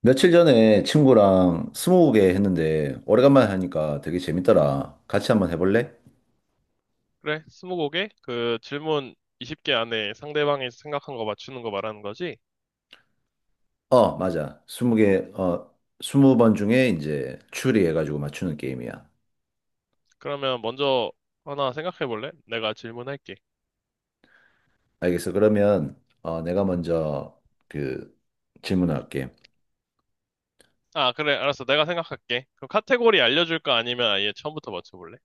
며칠 전에 친구랑 스무고개 했는데 오래간만에 하니까 되게 재밌더라. 같이 한번 해볼래? 그래, 스무고개? 그 질문 20개 안에 상대방이 생각한 거 맞추는 거 말하는 거지? 어, 맞아. 20개, 20번 중에 이제 추리해가지고 맞추는 게임이야. 그러면 먼저 하나 생각해 볼래? 내가 질문할게. 알겠어. 그러면 내가 먼저 그 질문할게. 아, 그래, 알았어. 내가 생각할게. 그럼 카테고리 알려줄까? 아니면 아예 처음부터 맞춰볼래?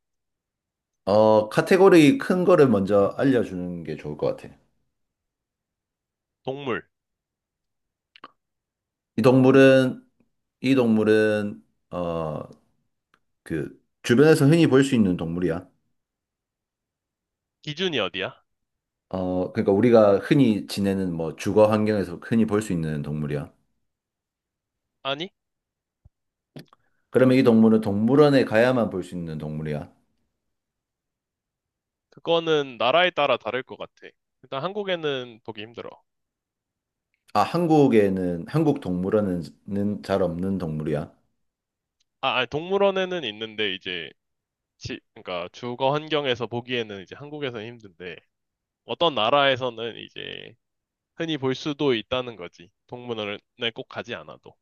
카테고리 큰 거를 먼저 알려주는 게 좋을 것 같아. 동물. 이 동물은 이 동물은 어, 그 주변에서 흔히 볼 수 있는 동물이야. 기준이 어디야? 그러니까 우리가 흔히 지내는 뭐 주거 환경에서 흔히 볼 수 있는 동물이야. 아니, 그러면 이 동물은 동물원에 가야만 볼 수 있는 동물이야. 그거는 나라에 따라 다를 것 같아. 일단 한국에는 보기 힘들어. 아, 한국 동물원에는 잘 없는 동물이야. 아, 아니, 동물원에는 있는데 이제 그러니까 주거 환경에서 보기에는 이제 한국에서는 힘든데 어떤 나라에서는 이제 흔히 볼 수도 있다는 거지. 동물원에 꼭 가지 않아도.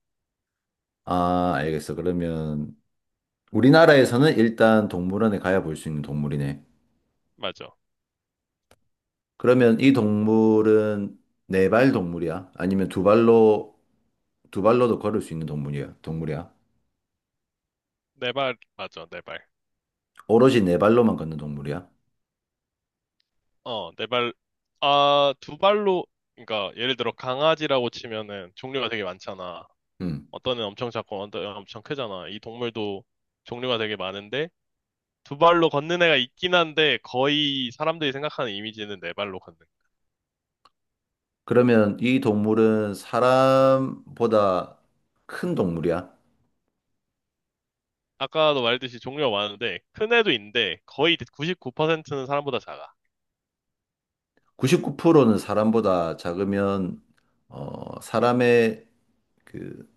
아, 알겠어. 그러면 우리나라에서는 일단 동물원에 가야 볼 수 있는 동물이네. 맞아. 그러면 이 동물은 네 발 동물이야? 아니면 두 발로도 걸을 수 있는 동물이야? 네 발, 맞아, 네 발. 오로지 네 발로만 걷는 동물이야? 네 발, 아, 두 발로, 그러니까 예를 들어 강아지라고 치면은 종류가 되게 많잖아. 음. 어떤 애는 엄청 작고 어떤 애는 엄청 크잖아. 이 동물도 종류가 되게 많은데 두 발로 걷는 애가 있긴 한데 거의 사람들이 생각하는 이미지는 네 발로 걷는. 그러면 이 동물은 사람보다 큰 동물이야? 아까도 말했듯이 종류가 많은데 큰 애도 있는데 거의 99%는 사람보다 작아. 99%는 사람보다 작으면 사람의 그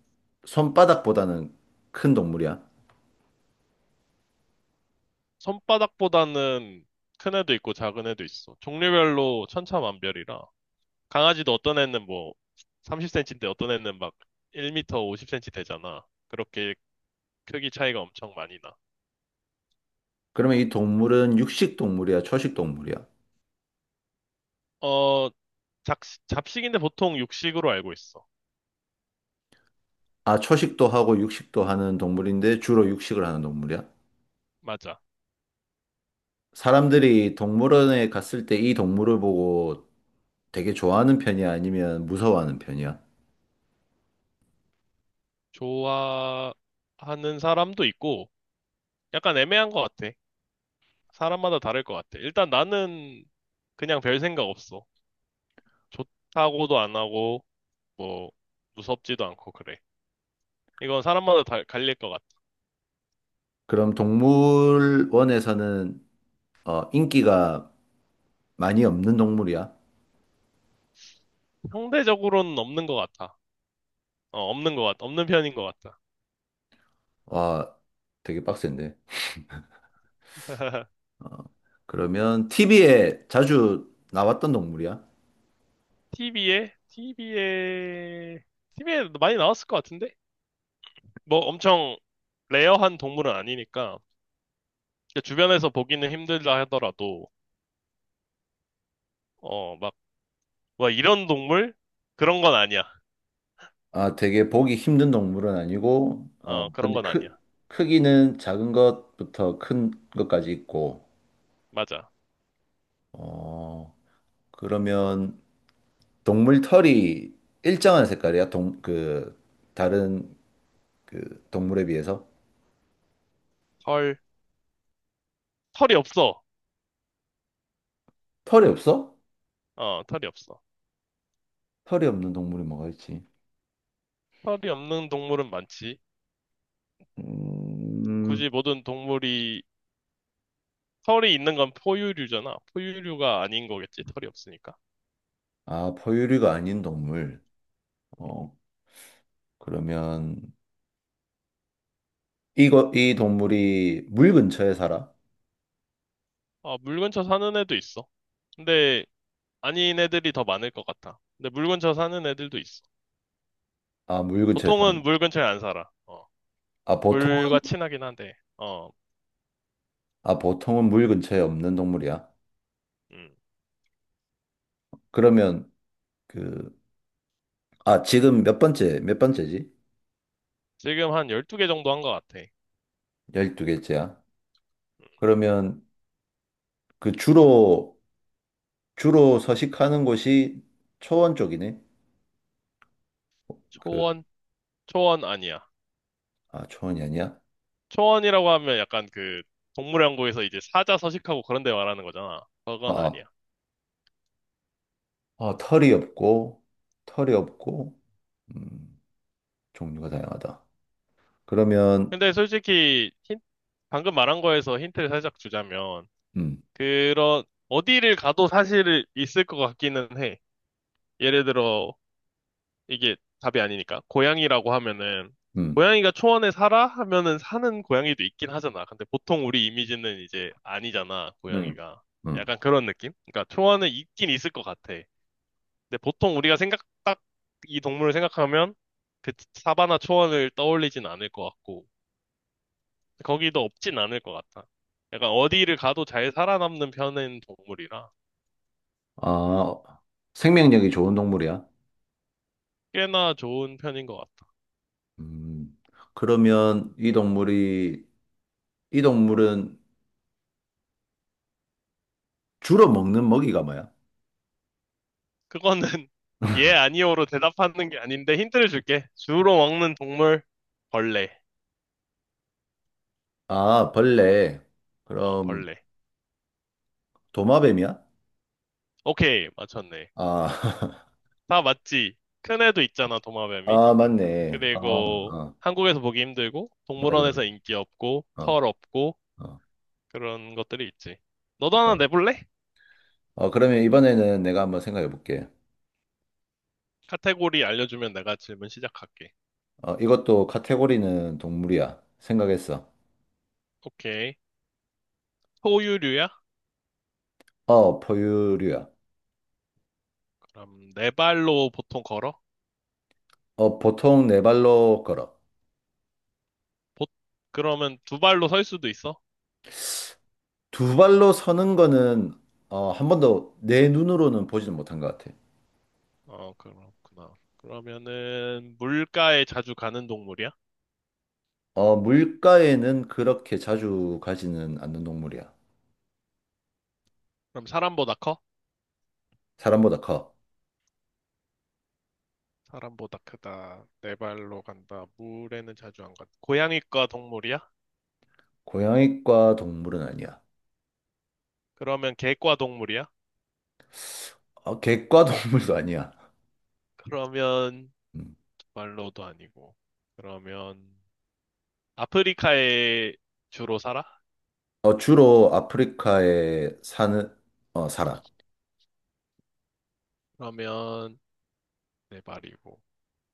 손바닥보다는 큰 동물이야. 손바닥보다는 큰 애도 있고 작은 애도 있어. 종류별로 천차만별이라. 강아지도 어떤 애는 뭐 30cm인데 어떤 애는 막 1m 50cm 되잖아. 그렇게 크기 차이가 엄청 많이 나. 그러면 이 동물은 육식 동물이야, 초식 동물이야? 어, 잡, 잡식인데 보통 육식으로 알고 있어. 아, 초식도 하고 육식도 하는 동물인데 주로 육식을 하는 동물이야? 맞아. 사람들이 동물원에 갔을 때 이 동물을 보고 되게 좋아하는 편이야? 아니면 무서워하는 편이야? 좋아하는 사람도 있고 약간 애매한 것 같아. 사람마다 다를 것 같아. 일단 나는 그냥 별 생각 없어. 좋다고도 안 하고 뭐 무섭지도 않고 그래. 이건 사람마다 다 갈릴 것 같아. 그럼 동물원에서는 인기가 많이 없는 동물이야. 상대적으로는 없는 것 같아. 없는 것 같아. 없는 편인 것 같아. 와, 되게 빡센데. 어, 그러면 TV에 자주 나왔던 동물이야. TV에? TV에 많이 나왔을 것 같은데? 뭐 엄청 레어한 동물은 아니니까. 그러니까 주변에서 보기는 힘들다 하더라도, 어, 막, 와, 이런 동물? 그런 건 아니야. 아, 되게 보기 힘든 동물은 아니고, 그런 근데 건 아니야. 크기는 작은 것부터 큰 것까지 있고, 맞아. 어, 그러면 동물 털이 일정한 색깔이야? 그, 다른 그 동물에 비해서? 털, 털이 없어. 털이 없어? 털이 없어. 털이 없는 동물이 뭐가 있지? 털이 없는 동물은 많지. 음. 굳이 모든 동물이 털이 있는 건 포유류잖아. 포유류가 아닌 거겠지, 털이 없으니까. 아, 포유류가 아닌 동물. 어, 그러면 이거 이 동물이 물 근처에 살아? 아, 물 근처 사는 애도 있어. 근데 아닌 애들이 더 많을 것 같아. 근데 물 근처 사는 애들도 있어. 아, 물 근처에 보통은 사는. 물 근처에 안 살아. 아, 물과 보통은 친하긴 한데, 아, 보통은 물 근처에 없는 동물이야. 음. 그러면 그 아, 지금 몇 번째? 몇 번째지? 지금 한 12개 정도 한 것 같아. 열두 개째야. 음, 그러면 그 주로 서식하는 곳이 초원 쪽이네. 그 초원? 초원 아니야. 아, 초원이 아니야? 초원이라고 하면 약간 그 동물연구에서 이제 사자 서식하고 그런 데 말하는 거잖아. 아, 그건 아. 아니야. 아, 털이 없고 음, 종류가 다양하다. 그러면 근데 솔직히 힌- 방금 말한 거에서 힌트를 살짝 주자면, 음. 그런, 어디를 가도 사실 있을 것 같기는 해. 예를 들어, 이게 답이 아니니까. 고양이라고 하면은, 음, 고양이가 초원에 살아? 하면은 사는 고양이도 있긴 하잖아. 근데 보통 우리 이미지는 이제 아니잖아, 음, 고양이가. 음. 약간 그런 느낌? 그러니까 초원에 있긴 있을 것 같아. 근데 보통 우리가 생각, 딱 이 동물을 생각하면 그 사바나 초원을 떠올리진 않을 것 같고, 거기도 없진 않을 것 같아. 약간 어디를 가도 잘 살아남는 편인 동물이라. 아, 생명력이 좋은 동물이야? 꽤나 좋은 편인 것 같다. 음, 그러면 이 동물은 주로 먹는 먹이가 뭐야? 그거는 예, 아니오로 대답하는 게 아닌데 힌트를 줄게. 주로 먹는 동물, 벌레. 아, 벌레. 어, 그럼 벌레. 도마뱀이야? 오케이, 맞췄네. 아, 다 맞지? 큰 애도 있잖아, 도마뱀이. 아, 맞네. 아, 그리고 아, 한국에서 보기 힘들고, 맞아, 맞아. 동물원에서 인기 없고, 어, 털 없고, 어. 그런 것들이 있지. 너도 어, 하나 내볼래? 어, 그러면 이번에는 내가 한번 생각해 볼게. 카테고리 알려주면 내가 질문 시작할게. 이것도 카테고리는 동물이야. 생각했어. 오케이. 포유류야? 어, 포유류야. 그럼 네 발로 보통 걸어? 어, 보통 네 발로 걸어. 보- 그러면 두 발로 설 수도 있어? 두 발로 서는 거는 한 번도 내 눈으로는 보지는 못한 것 같아. 어, 그렇구나. 그러면은 물가에 자주 가는 동물이야? 어, 물가에는 그렇게 자주 가지는 않는 동물이야. 그럼 사람보다 커? 사람보다 커. 사람보다 크다. 네 발로 간다. 물에는 자주 안 간다. 고양이과 동물이야? 고양이과 동물은 아니야. 그러면 개과 동물이야? 어, 개과 동물도 아니야. 그러면 음. 두 발로도 아니고. 그러면 아프리카에 주로 살아? 어, 주로 아프리카에 살아. 그러면 네 발이고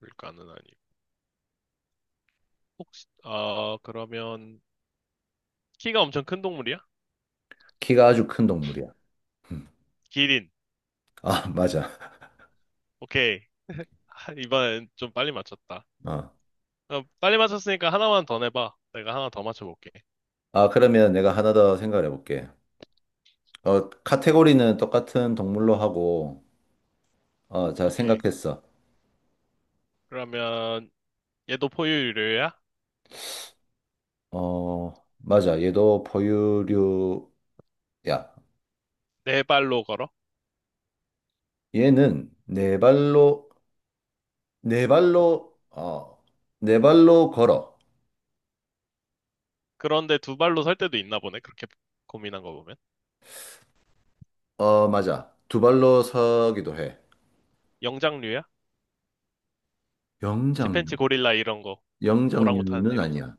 물가는 아니고. 혹시 어 그러면 키가 엄청 큰 동물이야? 키가 아주 큰 동물이야. 기린. 아, 맞아. 오케이. 아, 이번엔 좀 빨리 맞췄다. 어. 어, 빨리 맞췄으니까 하나만 더 내봐. 내가 하나 더 맞춰볼게. 아, 그러면 내가 하나 더 생각해 볼게. 어, 카테고리는 똑같은 동물로 하고, 자, 오케이. 생각했어. 그러면 얘도 포유류야? 어, 맞아. 얘도 포유류야. 네 발로 걸어? 얘는 네 발로, 어, 네 발로 걸어. 그런데 두 발로 설 때도 있나 보네. 그렇게 고민한 거 보면. 어, 맞아. 두 발로 서기도 해. 영장류야? c 팬 영장류. 치 고릴라 이런 거. 오랑우탄 영장류는 이런 거. 아니야.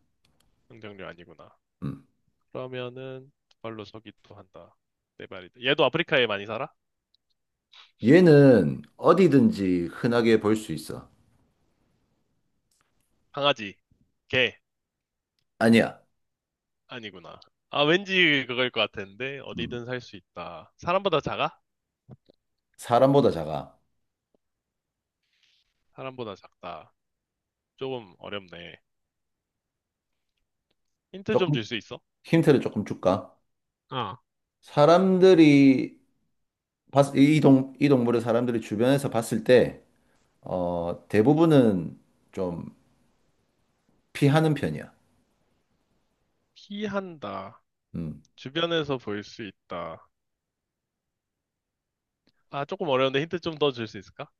영장류 아니구나. 음. 그러면은 두 발로 서기도 한다. 네 발이다. 얘도 아프리카에 많이 살아? 얘는 어디든지 흔하게 볼 수 있어. 강아지, 개 아니야. 아니구나. 아 왠지 그거일 것 같은데 음. 어디든 살 수 있다. 사람보다 작아? 사람보다 작아. 사람보다 작다. 조금 어렵네. 힌트 좀 조금, 줄 수 있어? 힌트를 조금 줄까? 아, 사람들이, 봤, 이 동, 이 동물을 사람들이 주변에서 봤을 때, 대부분은 좀 피하는 편이야. 피한다. 음. 주변에서 볼 수 있다. 아, 조금 어려운데 힌트 좀 더 줄 수 있을까?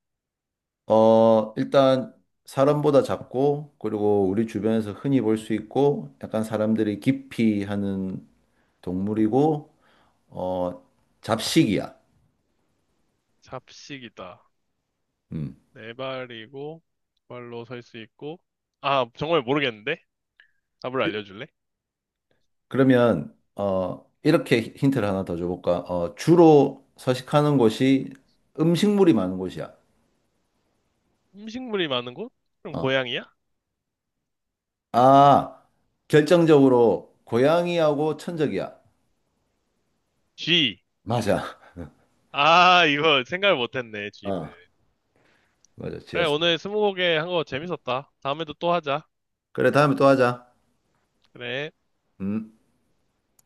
일단 사람보다 작고 그리고 우리 주변에서 흔히 볼 수 있고 약간 사람들이 기피하는 동물이고 어, 잡식이야. 잡식이다. 음. 네 발이고, 두 발로 설 수 있고. 아, 정말 모르겠는데? 답을 알려줄래? 그러면 이렇게 힌트를 하나 더 줘볼까? 주로 서식하는 곳이 음식물이 많은 곳이야. 음식물이 많은 곳? 그럼 어. 고양이야? 아, 결정적으로 고양이하고 천적이야. 쥐. 맞아. 아, 이거 생각을 못했네, 쥐는. 어, 맞아. 그래, 지었어. 오늘 스무고개 한 거 재밌었다. 다음에도 또 하자. 그래, 다음에 또 하자. 그래. 음.